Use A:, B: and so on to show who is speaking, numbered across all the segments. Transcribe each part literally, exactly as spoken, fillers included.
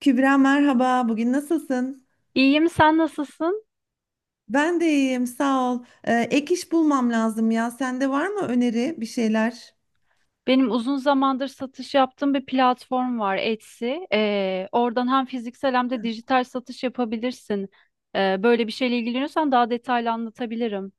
A: Kübra merhaba, bugün nasılsın?
B: İyiyim, sen nasılsın?
A: Ben de iyiyim, sağ ol. Ee, ek iş bulmam lazım ya. Sende var mı öneri bir şeyler?
B: Benim uzun zamandır satış yaptığım bir platform var, Etsy. Ee, oradan hem fiziksel hem de dijital satış yapabilirsin. Ee, böyle bir şeyle ilgileniyorsan daha detaylı anlatabilirim.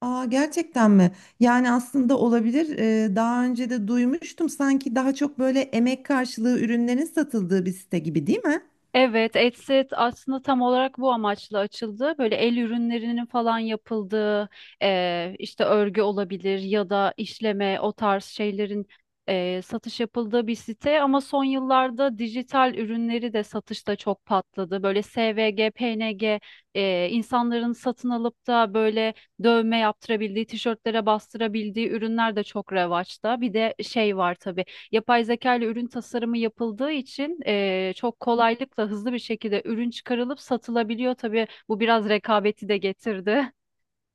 A: Aa, gerçekten mi? Yani aslında olabilir. Ee, daha önce de duymuştum sanki daha çok böyle emek karşılığı ürünlerin satıldığı bir site gibi, değil mi?
B: Evet, Etsyt aslında tam olarak bu amaçla açıldı. Böyle el ürünlerinin falan yapıldığı, eee, işte örgü olabilir ya da işleme o tarz şeylerin eee, satış yapıldığı bir site. Ama son yıllarda dijital ürünleri de satışta çok patladı. Böyle S V G, P N G, eee, insanların satın alıp da böyle dövme yaptırabildiği, tişörtlere bastırabildiği ürünler de çok revaçta. Bir de şey var tabii. Yapay zeka ile ürün tasarımı yapıldığı için e, çok kolaylıkla hızlı bir şekilde ürün çıkarılıp satılabiliyor. Tabii bu biraz rekabeti de getirdi.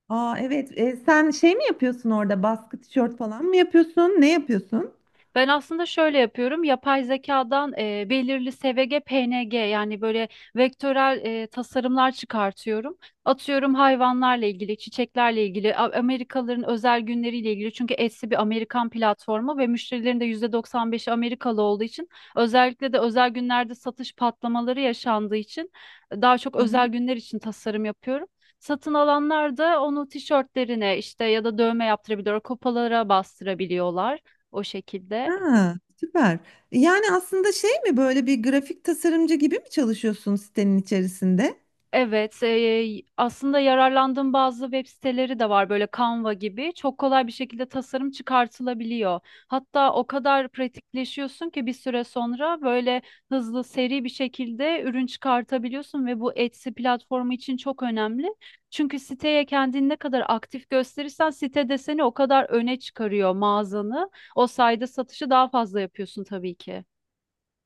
A: Aa, evet. Ee, sen şey mi yapıyorsun orada? Baskı tişört falan mı yapıyorsun? Ne yapıyorsun?
B: Ben aslında şöyle yapıyorum. Yapay zekadan e, belirli S V G, P N G, yani böyle vektörel e, tasarımlar çıkartıyorum. Atıyorum hayvanlarla ilgili, çiçeklerle ilgili, A- Amerikalıların özel günleriyle ilgili. Çünkü Etsy bir Amerikan platformu ve müşterilerin de yüzde doksan beşi Amerikalı olduğu için özellikle de özel günlerde satış patlamaları yaşandığı için daha çok
A: Hı hı.
B: özel günler için tasarım yapıyorum. Satın alanlar da onu tişörtlerine işte ya da dövme yaptırabiliyor, kopalara bastırabiliyorlar o şekilde.
A: Ha, süper. Yani aslında şey mi böyle bir grafik tasarımcı gibi mi çalışıyorsun sitenin içerisinde?
B: Evet, e, aslında yararlandığım bazı web siteleri de var böyle Canva gibi. Çok kolay bir şekilde tasarım çıkartılabiliyor. Hatta o kadar pratikleşiyorsun ki bir süre sonra böyle hızlı, seri bir şekilde ürün çıkartabiliyorsun ve bu Etsy platformu için çok önemli. Çünkü siteye kendini ne kadar aktif gösterirsen site de seni o kadar öne çıkarıyor mağazanı. O sayede satışı daha fazla yapıyorsun tabii ki.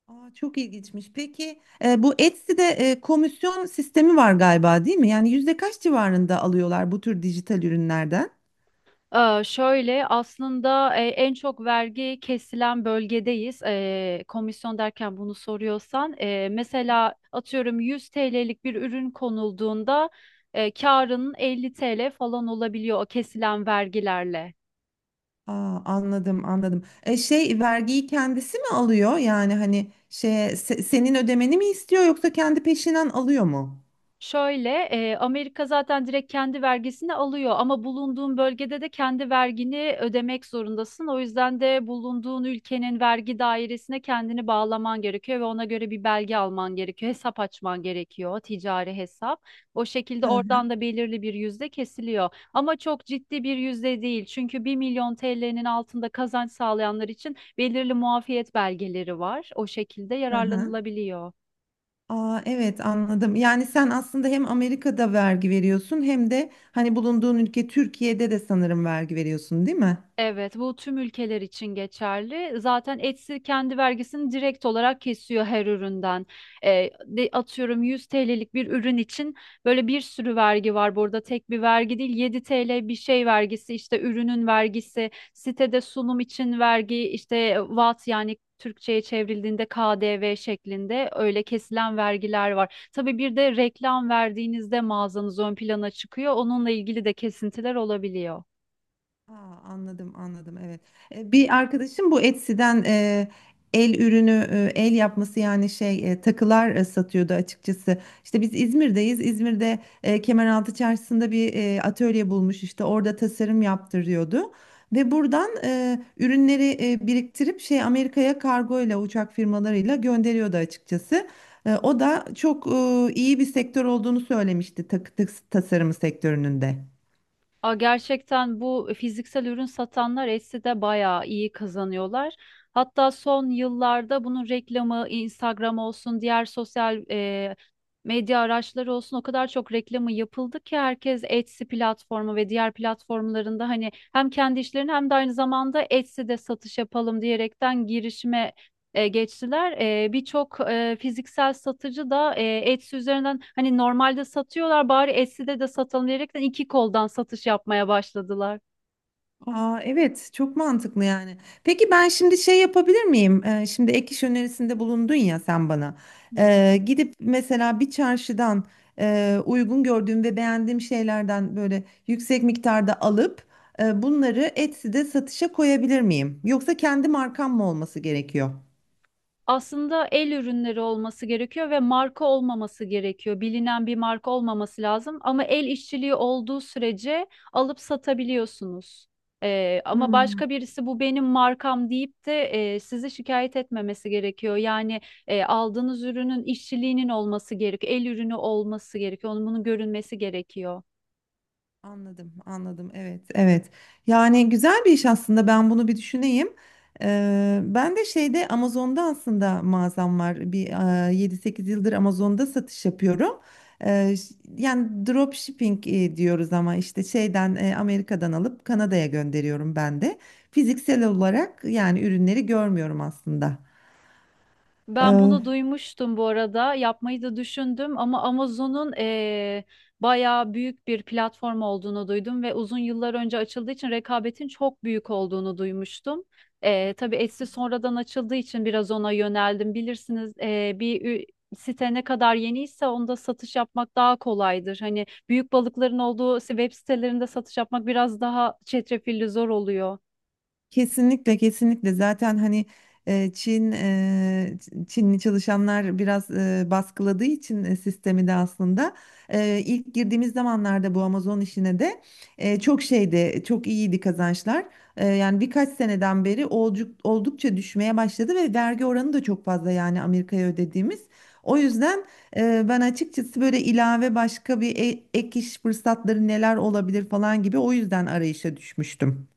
A: Aa, çok ilginçmiş. Peki e, bu Etsy'de e, komisyon sistemi var galiba, değil mi? Yani yüzde kaç civarında alıyorlar bu tür dijital ürünlerden?
B: Ee, şöyle aslında e, en çok vergi kesilen bölgedeyiz. Ee, komisyon derken bunu soruyorsan, e, mesela atıyorum yüz T L'lik bir ürün konulduğunda e, karının elli T L falan olabiliyor o kesilen vergilerle.
A: Aa, anladım anladım. E, şey vergiyi kendisi mi alıyor? Yani hani şey se- senin ödemeni mi istiyor yoksa kendi peşinen alıyor mu?
B: Şöyle, e, Amerika zaten direkt kendi vergisini alıyor ama bulunduğun bölgede de kendi vergini ödemek zorundasın. O yüzden de bulunduğun ülkenin vergi dairesine kendini bağlaman gerekiyor ve ona göre bir belge alman gerekiyor. Hesap açman gerekiyor, ticari hesap. O şekilde
A: Hı
B: oradan da belirli bir yüzde kesiliyor. Ama çok ciddi bir yüzde değil. Çünkü bir milyon T L'nin altında kazanç sağlayanlar için belirli muafiyet belgeleri var. O şekilde
A: hı hı.
B: yararlanılabiliyor.
A: Aa, evet anladım. Yani sen aslında hem Amerika'da vergi veriyorsun hem de hani bulunduğun ülke Türkiye'de de sanırım vergi veriyorsun, değil mi?
B: Evet, bu tüm ülkeler için geçerli. Zaten Etsy kendi vergisini direkt olarak kesiyor her üründen. Ee, de, atıyorum yüz T L'lik bir ürün için böyle bir sürü vergi var burada. Tek bir vergi değil, yedi T L bir şey vergisi, işte ürünün vergisi, sitede sunum için vergi, işte V A T yani Türkçe'ye çevrildiğinde K D V şeklinde öyle kesilen vergiler var. Tabii bir de reklam verdiğinizde mağazanız ön plana çıkıyor. Onunla ilgili de kesintiler olabiliyor.
A: Aa, anladım anladım, evet. E, Bir arkadaşım bu Etsy'den e, el ürünü e, el yapması, yani şey e, takılar e, satıyordu açıkçası. İşte biz İzmir'deyiz. İzmir'de e, Kemeraltı Çarşısı'nda bir e, atölye bulmuş, işte orada tasarım yaptırıyordu. Ve buradan e, ürünleri e, biriktirip şey Amerika'ya kargoyla, uçak firmalarıyla gönderiyordu açıkçası. E, o da çok e, iyi bir sektör olduğunu söylemişti, takı tas- tasarımı sektörünün de.
B: Aa, gerçekten bu fiziksel ürün satanlar Etsy'de bayağı iyi kazanıyorlar. Hatta son yıllarda bunun reklamı Instagram olsun, diğer sosyal e, medya araçları olsun o kadar çok reklamı yapıldı ki herkes Etsy platformu ve diğer platformlarında hani hem kendi işlerini hem de aynı zamanda Etsy'de satış yapalım diyerekten girişime e, geçtiler. E, birçok e, fiziksel satıcı da e, Etsy üzerinden hani normalde satıyorlar bari Etsy'de de satalım diyerekten iki koldan satış yapmaya başladılar.
A: Aa, evet, çok mantıklı yani. Peki ben şimdi şey yapabilir miyim? Ee, şimdi ek iş önerisinde bulundun ya sen bana.
B: Hı.
A: Ee, gidip mesela bir çarşıdan e, uygun gördüğüm ve beğendiğim şeylerden böyle yüksek miktarda alıp e, bunları Etsy'de satışa koyabilir miyim? Yoksa kendi markam mı olması gerekiyor?
B: Aslında el ürünleri olması gerekiyor ve marka olmaması gerekiyor. Bilinen bir marka olmaması lazım ama el işçiliği olduğu sürece alıp satabiliyorsunuz. Ee, ama
A: Hmm.
B: başka birisi bu benim markam deyip de e, sizi şikayet etmemesi gerekiyor. Yani e, aldığınız ürünün işçiliğinin olması gerekiyor. El ürünü olması gerekiyor. Onun bunun görünmesi gerekiyor.
A: Anladım, anladım. Evet, evet. Yani güzel bir iş aslında. Ben bunu bir düşüneyim. Ee, ben de şeyde Amazon'da aslında mağazam var. Bir e, yedi sekiz yıldır Amazon'da satış yapıyorum. Ee, ş- yani drop shipping e, diyoruz ama işte şeyden e, Amerika'dan alıp Kanada'ya gönderiyorum ben de. Fiziksel olarak yani ürünleri görmüyorum aslında.
B: Ben bunu duymuştum bu arada. Yapmayı da düşündüm ama Amazon'un eee bayağı büyük bir platform olduğunu duydum ve uzun yıllar önce açıldığı için rekabetin çok büyük olduğunu duymuştum. Eee tabii Etsy sonradan açıldığı için biraz ona yöneldim. Bilirsiniz, eee, bir ü- site ne kadar yeniyse onda satış yapmak daha kolaydır. Hani büyük balıkların olduğu web sitelerinde satış yapmak biraz daha çetrefilli zor oluyor.
A: Kesinlikle kesinlikle, zaten hani e, Çin e, Ç- Çinli çalışanlar biraz e, baskıladığı için e, sistemi de aslında e, ilk girdiğimiz zamanlarda bu Amazon işine de e, çok şeydi, çok iyiydi kazançlar. E, yani birkaç seneden beri olcu- oldukça düşmeye başladı ve vergi oranı da çok fazla, yani Amerika'ya ödediğimiz. O yüzden e, ben açıkçası böyle ilave başka bir e- ek iş fırsatları neler olabilir falan gibi, o yüzden arayışa düşmüştüm.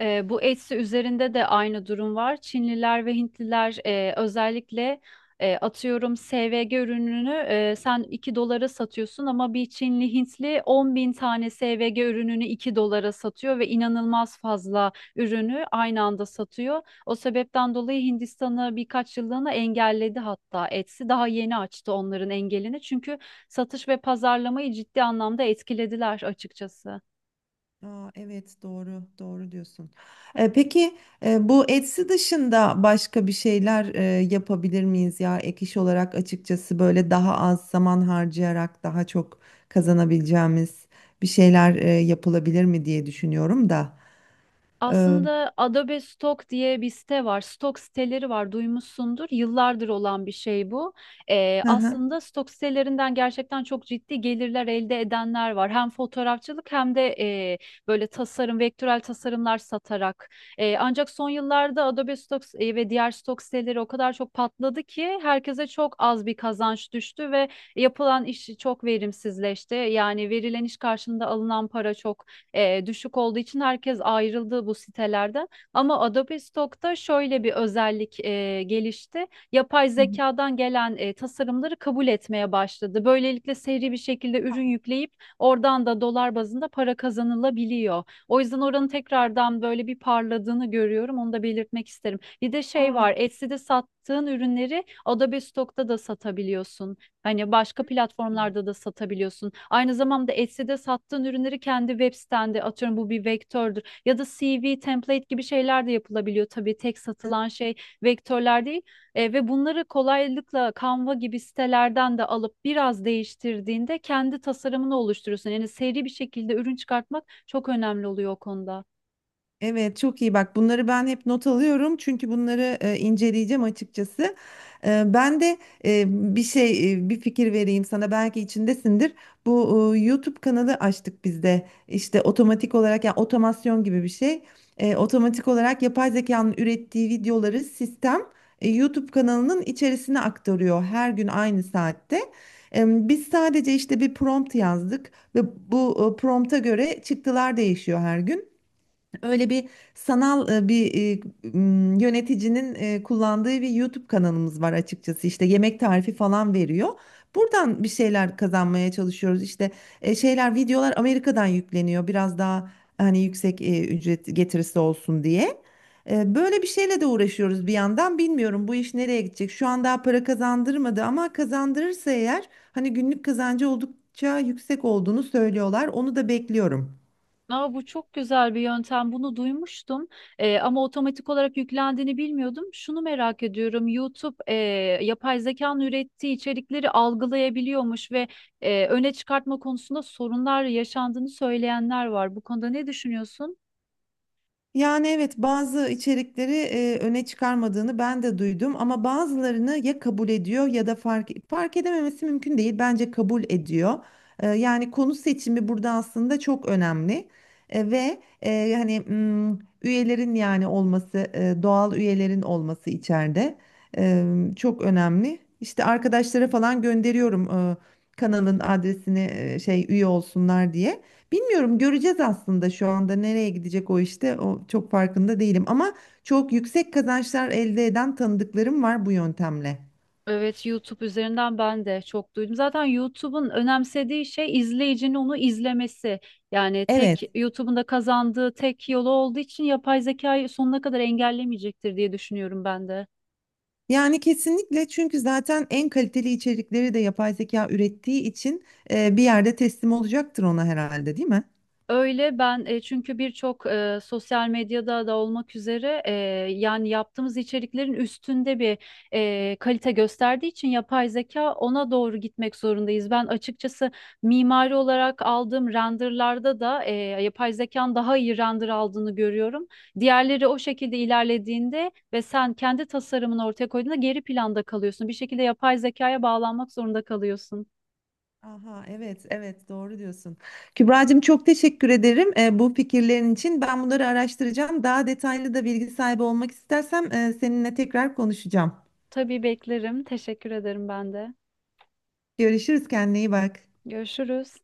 B: E, bu Etsy üzerinde de aynı durum var. Çinliler ve Hintliler e, özellikle e, atıyorum S V G ürününü e, sen iki dolara satıyorsun ama bir Çinli Hintli on bin tane S V G ürününü iki dolara satıyor ve inanılmaz fazla ürünü aynı anda satıyor. O sebepten dolayı Hindistan'ı birkaç yıllığına engelledi hatta Etsy. Daha yeni açtı onların engelini çünkü satış ve pazarlamayı ciddi anlamda etkilediler açıkçası.
A: Aa, evet, doğru doğru diyorsun. Ee, peki e, bu Etsy dışında başka bir şeyler e, yapabilir miyiz ya, ek iş olarak açıkçası, böyle daha az zaman harcayarak daha çok kazanabileceğimiz bir şeyler e, yapılabilir mi diye düşünüyorum da. Ee,
B: Aslında Adobe Stock diye bir site var. Stock siteleri var, duymuşsundur. Yıllardır olan bir şey bu. Ee,
A: hı hı.
B: aslında Stock sitelerinden gerçekten çok ciddi gelirler elde edenler var. Hem fotoğrafçılık hem de e, böyle tasarım, vektörel tasarımlar satarak. E, ancak son yıllarda Adobe Stock e, ve diğer Stock siteleri o kadar çok patladı ki herkese çok az bir kazanç düştü ve yapılan iş çok verimsizleşti. Yani verilen iş karşılığında alınan para çok e, düşük olduğu için herkes ayrıldı bu sitelerden. Ama Adobe Stock'ta şöyle bir özellik e, gelişti. Yapay
A: Hı hı.
B: zekadan gelen e, tasarımları kabul etmeye başladı. Böylelikle seri bir şekilde ürün yükleyip oradan da dolar bazında para kazanılabiliyor. O yüzden oranın tekrardan böyle bir parladığını görüyorum. Onu da belirtmek isterim. Bir de şey var, Etsy'de sattığın ürünleri Adobe Stock'ta da satabiliyorsun. Hani başka platformlarda
A: Aa.
B: da satabiliyorsun. Aynı zamanda Etsy'de sattığın ürünleri kendi web sitende atıyorum bu bir vektördür. Ya da C V, template gibi şeyler de yapılabiliyor. Tabii tek satılan şey vektörler değil. E, ve bunları kolaylıkla Canva gibi sitelerden de alıp biraz değiştirdiğinde kendi tasarımını oluşturuyorsun. Yani seri bir şekilde ürün çıkartmak çok önemli oluyor o konuda.
A: Evet, çok iyi, bak bunları ben hep not alıyorum çünkü bunları e, inceleyeceğim açıkçası. E, ben de e, bir şey, e, bir fikir vereyim sana, belki içindesindir. Bu e, YouTube kanalı açtık biz de, işte otomatik olarak, yani otomasyon gibi bir şey. E, otomatik olarak yapay zekanın ürettiği videoları sistem e, YouTube kanalının içerisine aktarıyor her gün aynı saatte. E, Biz sadece işte bir prompt yazdık ve bu e, prompta göre çıktılar değişiyor her gün. Öyle bir sanal e, bir e, m, yöneticinin e, kullandığı bir YouTube kanalımız var açıkçası. İşte yemek tarifi falan veriyor. Buradan bir şeyler kazanmaya çalışıyoruz. İşte e, şeyler, videolar Amerika'dan yükleniyor. Biraz daha hani yüksek e, ücret getirisi olsun diye. E, Böyle bir şeyle de uğraşıyoruz bir yandan. Bilmiyorum bu iş nereye gidecek. Şu an daha para kazandırmadı ama kazandırırsa eğer, hani günlük kazancı oldukça yüksek olduğunu söylüyorlar. Onu da bekliyorum.
B: Aa, bu çok güzel bir yöntem. Bunu duymuştum. Ee, ama otomatik olarak yüklendiğini bilmiyordum. Şunu merak ediyorum. YouTube e, yapay zekanın ürettiği içerikleri algılayabiliyormuş ve e, öne çıkartma konusunda sorunlar yaşandığını söyleyenler var. Bu konuda ne düşünüyorsun?
A: Yani evet, bazı içerikleri e, öne çıkarmadığını ben de duydum ama bazılarını ya kabul ediyor ya da fark fark edememesi mümkün değil. Bence kabul ediyor. E, yani konu seçimi burada aslında çok önemli. E, ve e, hani mm, üyelerin yani olması, e, doğal üyelerin olması içeride e, çok önemli. İşte arkadaşlara falan gönderiyorum e, kanalın adresini, e, şey, üye olsunlar diye. Bilmiyorum, göreceğiz aslında, şu anda nereye gidecek o işte, o çok farkında değilim ama çok yüksek kazançlar elde eden tanıdıklarım var bu yöntemle.
B: Evet, YouTube üzerinden ben de çok duydum. Zaten YouTube'un önemsediği şey izleyicinin onu izlemesi. Yani tek
A: Evet,
B: YouTube'un da kazandığı tek yolu olduğu için yapay zekayı sonuna kadar engellemeyecektir diye düşünüyorum ben de.
A: yani kesinlikle, çünkü zaten en kaliteli içerikleri de yapay zeka ürettiği için e, bir yerde teslim olacaktır ona herhalde, değil mi?
B: Öyle ben e, çünkü birçok e, sosyal medyada da olmak üzere e, yani yaptığımız içeriklerin üstünde bir e, kalite gösterdiği için yapay zeka ona doğru gitmek zorundayız. Ben açıkçası mimari olarak aldığım renderlarda da e, yapay zekanın daha iyi render aldığını görüyorum. Diğerleri o şekilde ilerlediğinde ve sen kendi tasarımını ortaya koyduğunda geri planda kalıyorsun. Bir şekilde yapay zekaya bağlanmak zorunda kalıyorsun.
A: Aha, evet evet, doğru diyorsun. Kübra'cığım çok teşekkür ederim e, bu fikirlerin için. Ben bunları araştıracağım. Daha detaylı da bilgi sahibi olmak istersem e, seninle tekrar konuşacağım.
B: Tabii beklerim. Teşekkür ederim ben de.
A: Görüşürüz, kendine iyi bak.
B: Görüşürüz.